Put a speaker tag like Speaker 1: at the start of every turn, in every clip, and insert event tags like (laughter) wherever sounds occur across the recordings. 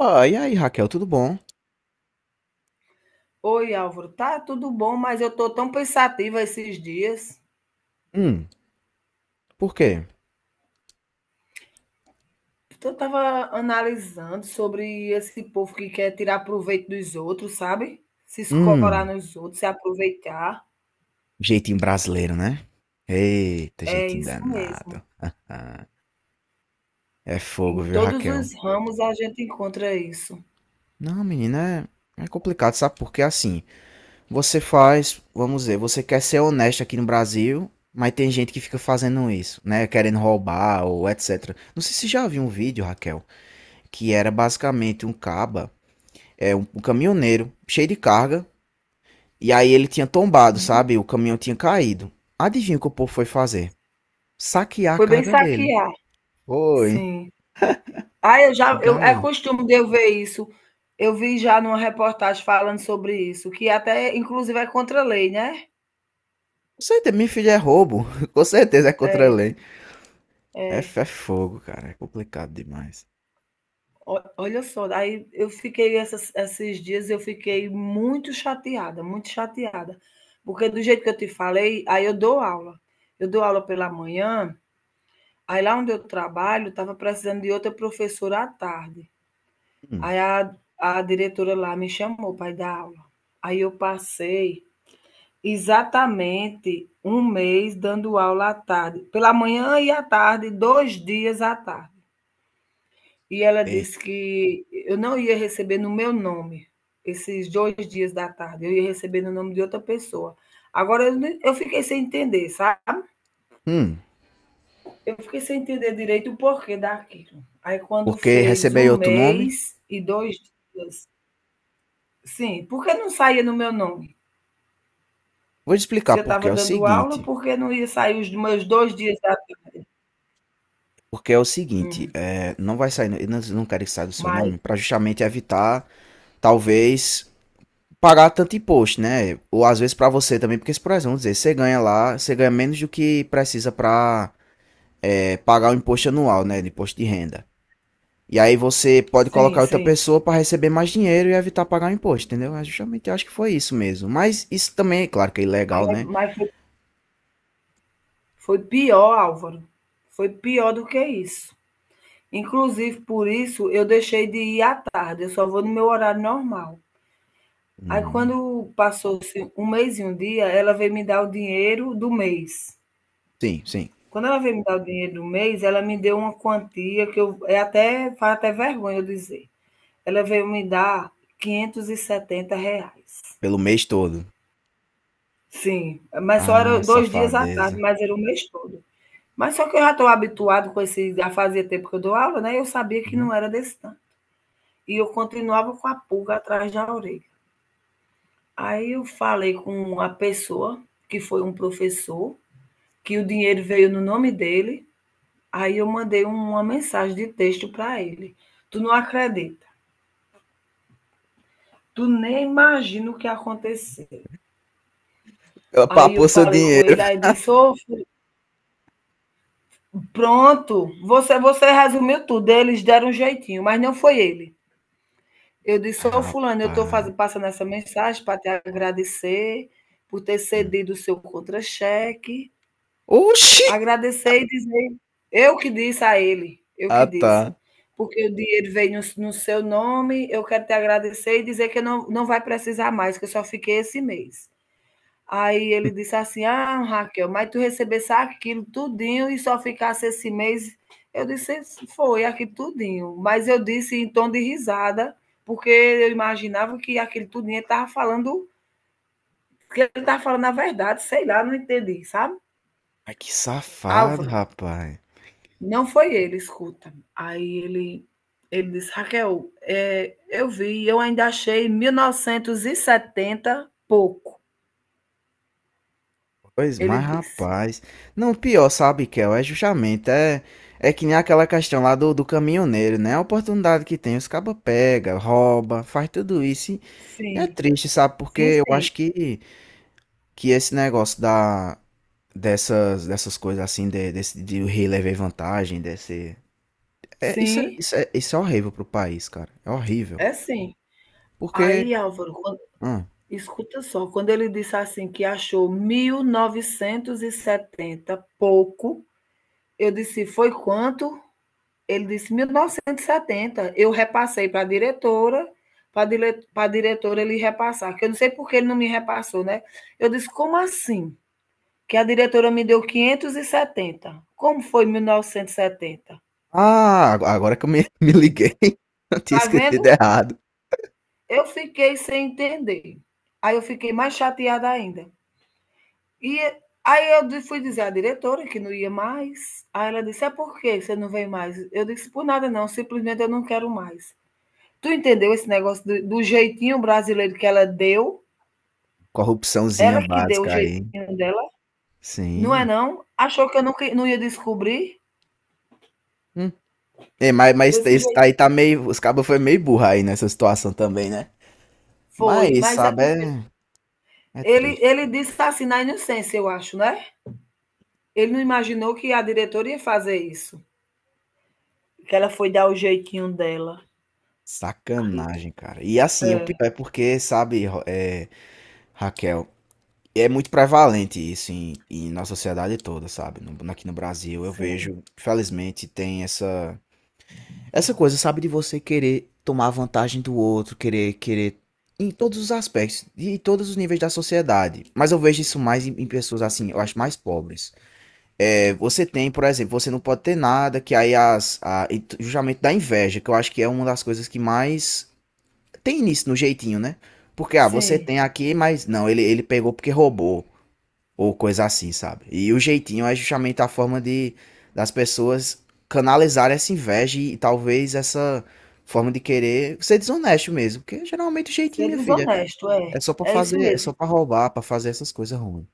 Speaker 1: Ah, e aí, Raquel, tudo bom?
Speaker 2: Oi, Álvaro, tá tudo bom, mas eu tô tão pensativa esses dias.
Speaker 1: Hum, por quê?
Speaker 2: Eu tava analisando sobre esse povo que quer tirar proveito dos outros, sabe? Se escorar
Speaker 1: Hum,
Speaker 2: nos outros, se aproveitar.
Speaker 1: jeitinho brasileiro, né? Eita,
Speaker 2: É
Speaker 1: jeitinho
Speaker 2: isso
Speaker 1: danado.
Speaker 2: mesmo.
Speaker 1: (laughs) É fogo,
Speaker 2: Em
Speaker 1: viu,
Speaker 2: todos
Speaker 1: Raquel?
Speaker 2: os ramos a gente encontra isso.
Speaker 1: Não, menina, é complicado, sabe? Porque assim, você faz, vamos dizer, você quer ser honesto aqui no Brasil, mas tem gente que fica fazendo isso, né? Querendo roubar ou etc. Não sei se já viu um vídeo, Raquel, que era basicamente um caba, é um caminhoneiro cheio de carga. E aí ele tinha tombado, sabe? O caminhão tinha caído. Adivinha o que o povo foi fazer? Saquear a
Speaker 2: Foi bem
Speaker 1: carga dele.
Speaker 2: saquear,
Speaker 1: Foi.
Speaker 2: sim. Ah, é
Speaker 1: Gai.
Speaker 2: costume de eu ver isso. Eu vi já numa reportagem falando sobre isso, que até inclusive é contra a lei, né?
Speaker 1: Com certeza, minha filha, é roubo. (laughs) Com certeza é contra a
Speaker 2: É,
Speaker 1: lei. É,
Speaker 2: é.
Speaker 1: é fogo, cara. É complicado demais.
Speaker 2: O olha só, aí eu fiquei essas esses dias eu fiquei muito chateada, porque do jeito que eu te falei, aí eu dou aula. Eu dou aula pela manhã, aí lá onde eu trabalho estava precisando de outra professora à tarde.
Speaker 1: Hum,
Speaker 2: Aí a diretora lá me chamou para ir dar aula. Aí eu passei exatamente um mês dando aula à tarde, pela manhã e à tarde, 2 dias à tarde. E ela
Speaker 1: ei.
Speaker 2: disse que eu não ia receber no meu nome esses 2 dias da tarde, eu ia receber no nome de outra pessoa. Agora eu fiquei sem entender, sabe?
Speaker 1: Hum,
Speaker 2: Eu fiquei sem entender direito o porquê daquilo. Aí quando
Speaker 1: porque
Speaker 2: fez um
Speaker 1: receber outro nome?
Speaker 2: mês e dois dias, sim, por que não saía no meu nome?
Speaker 1: Vou te explicar
Speaker 2: Se eu
Speaker 1: porque
Speaker 2: estava
Speaker 1: é o
Speaker 2: dando aula,
Speaker 1: seguinte.
Speaker 2: por que não ia sair os meus 2 dias da
Speaker 1: Porque é o seguinte,
Speaker 2: hum,
Speaker 1: é, não vai sair, eu não- não quero que saia do seu
Speaker 2: mas
Speaker 1: nome, para justamente evitar, talvez, pagar tanto imposto, né? Ou às vezes pra você também, porque, por exemplo, vamos dizer, você ganha lá, você ganha menos do que precisa pra é, pagar o imposto anual, né? De imposto de renda. E aí você pode
Speaker 2: sim,
Speaker 1: colocar outra
Speaker 2: sim.
Speaker 1: pessoa pra receber mais dinheiro e evitar pagar o imposto, entendeu? É. Justamente eu acho que foi isso mesmo. Mas isso também, é claro que é ilegal, né?
Speaker 2: Mas foi pior, Álvaro, foi pior do que isso. Inclusive, por isso, eu deixei de ir à tarde, eu só vou no meu horário normal. Aí,
Speaker 1: Hum,
Speaker 2: quando passou assim, um mês e um dia, ela veio me dar o dinheiro do mês.
Speaker 1: sim, sim.
Speaker 2: Quando ela veio me dar o dinheiro do mês, ela me deu uma quantia que faz até vergonha eu dizer. Ela veio me dar R$ 570.
Speaker 1: Pelo mês todo.
Speaker 2: Sim, mas só
Speaker 1: Ah,
Speaker 2: era 2 dias à tarde,
Speaker 1: safadeza.
Speaker 2: mas era o mês todo. Mas só que eu já estou habituado com esse, já fazia tempo que eu dou aula, né? Eu sabia que
Speaker 1: Uhum.
Speaker 2: não era desse tanto. E eu continuava com a pulga atrás da orelha. Aí eu falei com uma pessoa, que foi um professor, que o dinheiro veio no nome dele. Aí eu mandei uma mensagem de texto para ele. Tu não acredita. Tu nem imagina o que aconteceu.
Speaker 1: Ela
Speaker 2: Aí eu
Speaker 1: papou seu
Speaker 2: falei com
Speaker 1: dinheiro.
Speaker 2: ele, aí disse: Ô, pronto, você resumiu tudo. Eles deram um jeitinho, mas não foi ele. Eu disse:
Speaker 1: Ai,
Speaker 2: Ô, Fulano, eu estou
Speaker 1: rapaz.
Speaker 2: passando essa mensagem para te agradecer por ter
Speaker 1: Hum.
Speaker 2: cedido o seu contra-cheque.
Speaker 1: Oxi!
Speaker 2: Agradecer e dizer, eu que disse a ele, eu que
Speaker 1: Ah,
Speaker 2: disse.
Speaker 1: tá.
Speaker 2: Porque o dinheiro veio no seu nome, eu quero te agradecer e dizer que não, não vai precisar mais, que eu só fiquei esse mês. Aí ele disse assim: Ah, Raquel, mas tu recebesse aquilo tudinho e só ficasse esse mês. Eu disse: Foi, aqui tudinho. Mas eu disse em tom de risada, porque eu imaginava que aquele tudinho estava falando, que ele estava falando a verdade, sei lá, não entendi, sabe?
Speaker 1: Ai, que safado,
Speaker 2: Álvaro,
Speaker 1: rapaz.
Speaker 2: não foi ele, escuta. Aí ele disse: "Raquel, eu vi, eu ainda achei 1.970 pouco",
Speaker 1: Pois,
Speaker 2: ele
Speaker 1: mas
Speaker 2: disse.
Speaker 1: rapaz. Não, pior, sabe, Kel? É justamente. É, é que nem aquela questão lá do caminhoneiro, né? A oportunidade que tem, os cabos pega, rouba, faz tudo isso. E é
Speaker 2: Sim,
Speaker 1: triste, sabe?
Speaker 2: sim,
Speaker 1: Porque eu
Speaker 2: sim.
Speaker 1: acho que esse negócio da, dessas, dessas coisas assim, de, desse, de o rei levar vantagem, desse. É, isso, é,
Speaker 2: Sim,
Speaker 1: isso, é, isso é horrível pro país, cara. É horrível.
Speaker 2: é sim. Aí,
Speaker 1: Porque.
Speaker 2: Álvaro, quando
Speaker 1: Hum.
Speaker 2: escuta só, quando ele disse assim que achou 1.970 pouco, eu disse: "Foi quanto?" Ele disse 1.970. Eu repassei para a diretora ele repassar, que eu não sei por que ele não me repassou, né? Eu disse, como assim? Que a diretora me deu 570. Como foi 1.970?
Speaker 1: Ah, agora que eu me, (laughs) me liguei. (laughs) Eu tinha
Speaker 2: Tá
Speaker 1: escrito
Speaker 2: vendo?
Speaker 1: errado.
Speaker 2: Eu fiquei sem entender. Aí eu fiquei mais chateada ainda. E aí eu fui dizer à diretora que não ia mais. Aí ela disse: É por que você não vem mais? Eu disse: Por nada não, simplesmente eu não quero mais. Tu entendeu esse negócio do jeitinho brasileiro que ela deu?
Speaker 1: Corrupçãozinha
Speaker 2: Ela que deu o
Speaker 1: básica aí.
Speaker 2: jeitinho dela, não é
Speaker 1: Sim.
Speaker 2: não? Achou que eu nunca, não ia descobrir?
Speaker 1: Hum. É, mas tá,
Speaker 2: Desse
Speaker 1: esse tá
Speaker 2: jeito
Speaker 1: aí tá meio. Os cabos foi meio burro aí nessa situação também, né?
Speaker 2: foi,
Speaker 1: Mas,
Speaker 2: mas é
Speaker 1: sabe,
Speaker 2: porque
Speaker 1: é, é
Speaker 2: ele,
Speaker 1: triste.
Speaker 2: ele disse assim na inocência, eu acho, né? Ele não imaginou que a diretora ia fazer isso. Que ela foi dar o jeitinho dela.
Speaker 1: Sacanagem, cara. E assim, o pior
Speaker 2: É,
Speaker 1: é porque, sabe, é, Raquel, é muito prevalente isso em nossa sociedade toda, sabe? Aqui no Brasil, eu
Speaker 2: sim,
Speaker 1: vejo, infelizmente, tem essa, essa coisa, sabe, de você querer tomar vantagem do outro, querer, querer. Em todos os aspectos, e em todos os níveis da sociedade. Mas eu vejo isso mais em pessoas assim, eu acho mais pobres. É, você tem, por exemplo, você não pode ter nada, que aí as, a, justamente da inveja, que eu acho que é uma das coisas que mais tem início no jeitinho, né? Porque, ah, você
Speaker 2: sim.
Speaker 1: tem aqui, mas não, ele pegou porque roubou, ou coisa assim, sabe? E o jeitinho é justamente a forma de das pessoas canalizarem essa inveja e, talvez essa forma de querer ser desonesto mesmo, porque geralmente o jeitinho,
Speaker 2: Ser
Speaker 1: minha filha,
Speaker 2: desonesto,
Speaker 1: é
Speaker 2: é.
Speaker 1: só pra
Speaker 2: É isso
Speaker 1: fazer, é só
Speaker 2: mesmo.
Speaker 1: pra roubar, pra fazer essas coisas ruins.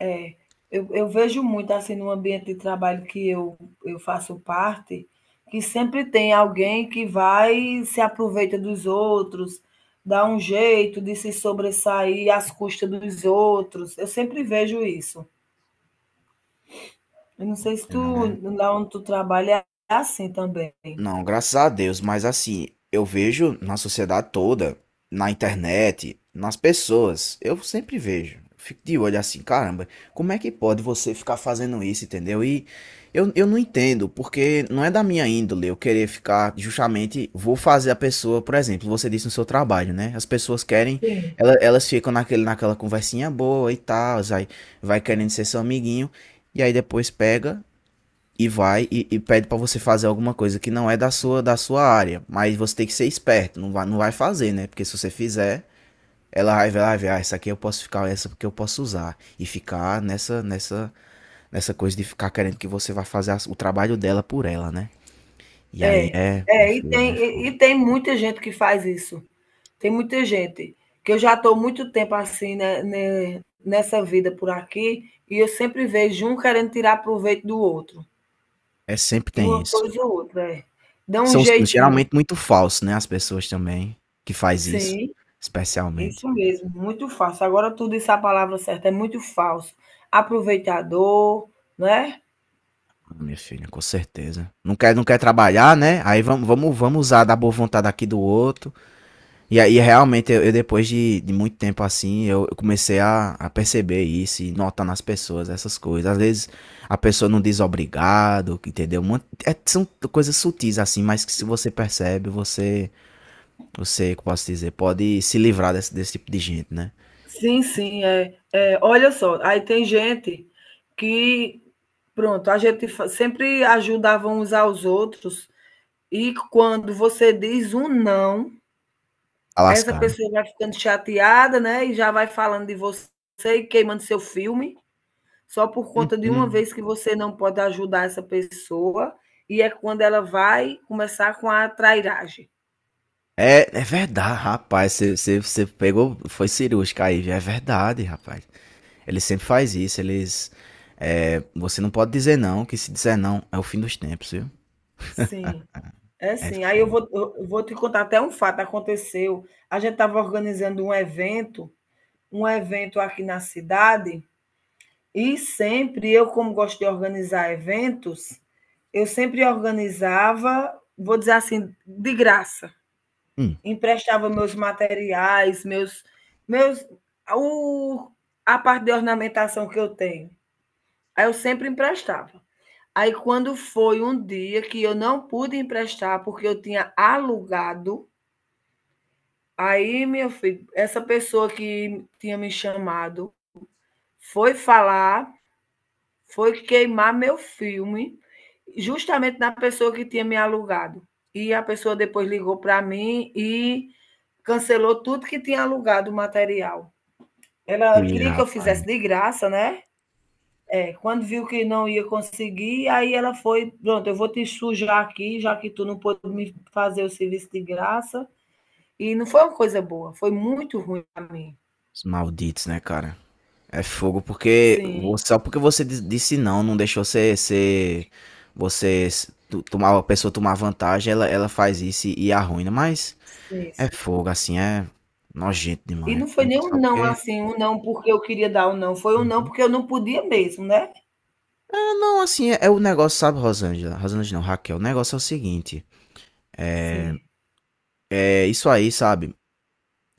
Speaker 2: É, eu vejo muito assim no ambiente de trabalho que eu faço parte, que sempre tem alguém que vai e se aproveita dos outros, dá um jeito de se sobressair às custas dos outros. Eu sempre vejo isso. Eu não sei se tu,
Speaker 1: Não é?
Speaker 2: lá onde tu trabalha, é assim também.
Speaker 1: Não, graças a Deus, mas assim, eu vejo na sociedade toda, na internet, nas pessoas, eu sempre vejo. Fico de olho assim, caramba, como é que pode você ficar fazendo isso, entendeu? E eu não entendo, porque não é da minha índole eu querer ficar justamente, vou fazer a pessoa, por exemplo, você disse no seu trabalho, né? As pessoas querem,
Speaker 2: Sim.
Speaker 1: elas ficam naquele, naquela conversinha boa e tal, aí vai querendo ser seu amiguinho, e aí depois pega e vai e pede para você fazer alguma coisa que não é da sua área, mas você tem que ser esperto, não vai fazer, né? Porque se você fizer, ela vai ver, ah, essa aqui eu posso ficar, essa porque eu posso usar e ficar nessa nessa coisa de ficar querendo que você vá fazer o trabalho dela por ela, né? E aí
Speaker 2: É,
Speaker 1: é, minha
Speaker 2: é,
Speaker 1: filha, né? Fô?
Speaker 2: e tem muita gente que faz isso. Tem muita gente, que eu já estou muito tempo assim, né, nessa vida por aqui, e eu sempre vejo um querendo tirar proveito do outro,
Speaker 1: É, sempre
Speaker 2: e
Speaker 1: tem
Speaker 2: uma
Speaker 1: isso.
Speaker 2: coisa ou outra, é. Dá um
Speaker 1: São
Speaker 2: jeitinho.
Speaker 1: geralmente muito falsos, né? As pessoas também que faz isso,
Speaker 2: Sim,
Speaker 1: especialmente.
Speaker 2: isso mesmo, muito fácil. Agora tu disse a palavra certa, é muito falso. Aproveitador, né?
Speaker 1: Ah, minha filha, com certeza. Não quer trabalhar, né? Aí vamos usar da boa vontade aqui do outro. E aí, realmente, eu depois de muito tempo assim, eu comecei a perceber isso e notar nas pessoas essas coisas. Às vezes, a pessoa não diz obrigado, entendeu? São coisas sutis assim, mas que se você percebe, você, você, como posso dizer, pode se livrar desse, desse tipo de gente, né?
Speaker 2: Sim, sim, é. É, olha só, aí tem gente que, pronto, a gente fa sempre ajudava uns aos outros, e quando você diz um "não",
Speaker 1: Tá
Speaker 2: essa
Speaker 1: lascado.
Speaker 2: pessoa vai ficando chateada, né, e já vai falando de você e queimando seu filme, só por conta de uma
Speaker 1: Uhum.
Speaker 2: vez que você não pode ajudar essa pessoa, e é quando ela vai começar com a trairagem.
Speaker 1: É, é verdade, rapaz. Você pegou, foi cirúrgica aí, viu? É verdade, rapaz. Ele sempre faz isso, eles. É, você não pode dizer não, que se dizer não é o fim dos tempos, viu?
Speaker 2: Sim. É
Speaker 1: É
Speaker 2: sim. Aí eu
Speaker 1: fogo.
Speaker 2: vou, eu vou te contar até um fato, aconteceu. A gente estava organizando um evento aqui na cidade, e sempre eu, como gosto de organizar eventos, eu sempre organizava, vou dizer assim, de graça.
Speaker 1: Hum,
Speaker 2: Emprestava meus materiais, meus o, a parte de ornamentação que eu tenho. Aí eu sempre emprestava. Aí quando foi um dia que eu não pude emprestar porque eu tinha alugado, aí meu filho, essa pessoa que tinha me chamado foi falar foi queimar meu filme, justamente na pessoa que tinha me alugado. E a pessoa depois ligou para mim e cancelou tudo que tinha alugado o material. Ela queria
Speaker 1: tira,
Speaker 2: que eu fizesse
Speaker 1: rapaz.
Speaker 2: de graça, né? É, quando viu que não ia conseguir, aí ela foi, pronto, eu vou te sujar aqui, já que tu não pôde me fazer o serviço de graça. E não foi uma coisa boa, foi muito ruim para mim.
Speaker 1: Os malditos, né, cara? É fogo porque
Speaker 2: Sim,
Speaker 1: só porque disse não, não deixou você ser tomar a pessoa tomar vantagem, ela faz isso e arruina, mas
Speaker 2: sim.
Speaker 1: é fogo assim, é nojento
Speaker 2: E
Speaker 1: demais.
Speaker 2: não foi nem
Speaker 1: Nunca
Speaker 2: um
Speaker 1: só
Speaker 2: não,
Speaker 1: porque
Speaker 2: assim, um não porque eu queria dar um não, foi um não
Speaker 1: Uhum.
Speaker 2: porque eu não podia mesmo, né.
Speaker 1: É, não, assim, é, é o negócio, sabe, Rosângela? Rosângela não, Raquel. O negócio é o seguinte: é,
Speaker 2: Sim,
Speaker 1: é isso aí, sabe?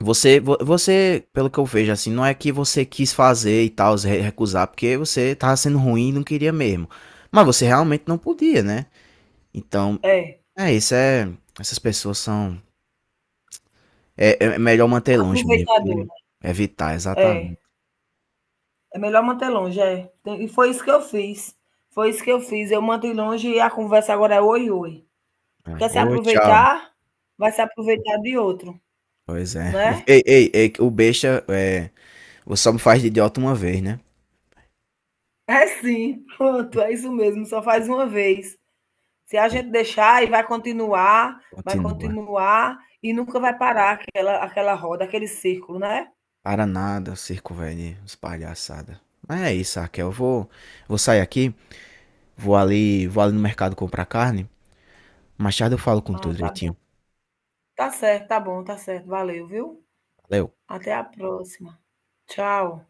Speaker 1: Você, pelo que eu vejo, assim, não é que você quis fazer e tal, se recusar, porque você tava sendo ruim e não queria mesmo. Mas você realmente não podia, né? Então,
Speaker 2: é,
Speaker 1: é isso, é. Essas pessoas são. É, é melhor manter longe mesmo, que
Speaker 2: aproveitadora.
Speaker 1: evitar,
Speaker 2: É,
Speaker 1: exatamente.
Speaker 2: é melhor manter longe, é. E foi isso que eu fiz, foi isso que eu fiz, eu mantive longe e a conversa agora é "oi, oi".
Speaker 1: É.
Speaker 2: Quer se
Speaker 1: Oi, tchau.
Speaker 2: aproveitar, vai se aproveitar de outro,
Speaker 1: Pois é. (laughs)
Speaker 2: né.
Speaker 1: Ei, ei, ei, o besta, é, você só me faz de idiota uma vez, né?
Speaker 2: É sim, pronto, é isso mesmo, só faz uma vez. Se a
Speaker 1: Pois
Speaker 2: gente deixar e
Speaker 1: é,
Speaker 2: vai
Speaker 1: continua.
Speaker 2: continuar e nunca vai parar aquela roda, aquele círculo, né.
Speaker 1: Para nada, circo velho, de palhaçada. Mas é isso, Raquel. Eu vou, vou sair aqui. Vou ali no mercado comprar carne. Mais tarde eu falo com tu
Speaker 2: Ah, tá.
Speaker 1: direitinho.
Speaker 2: Tá certo, tá bom, tá certo. Valeu, viu?
Speaker 1: Valeu.
Speaker 2: Até a próxima. Tchau.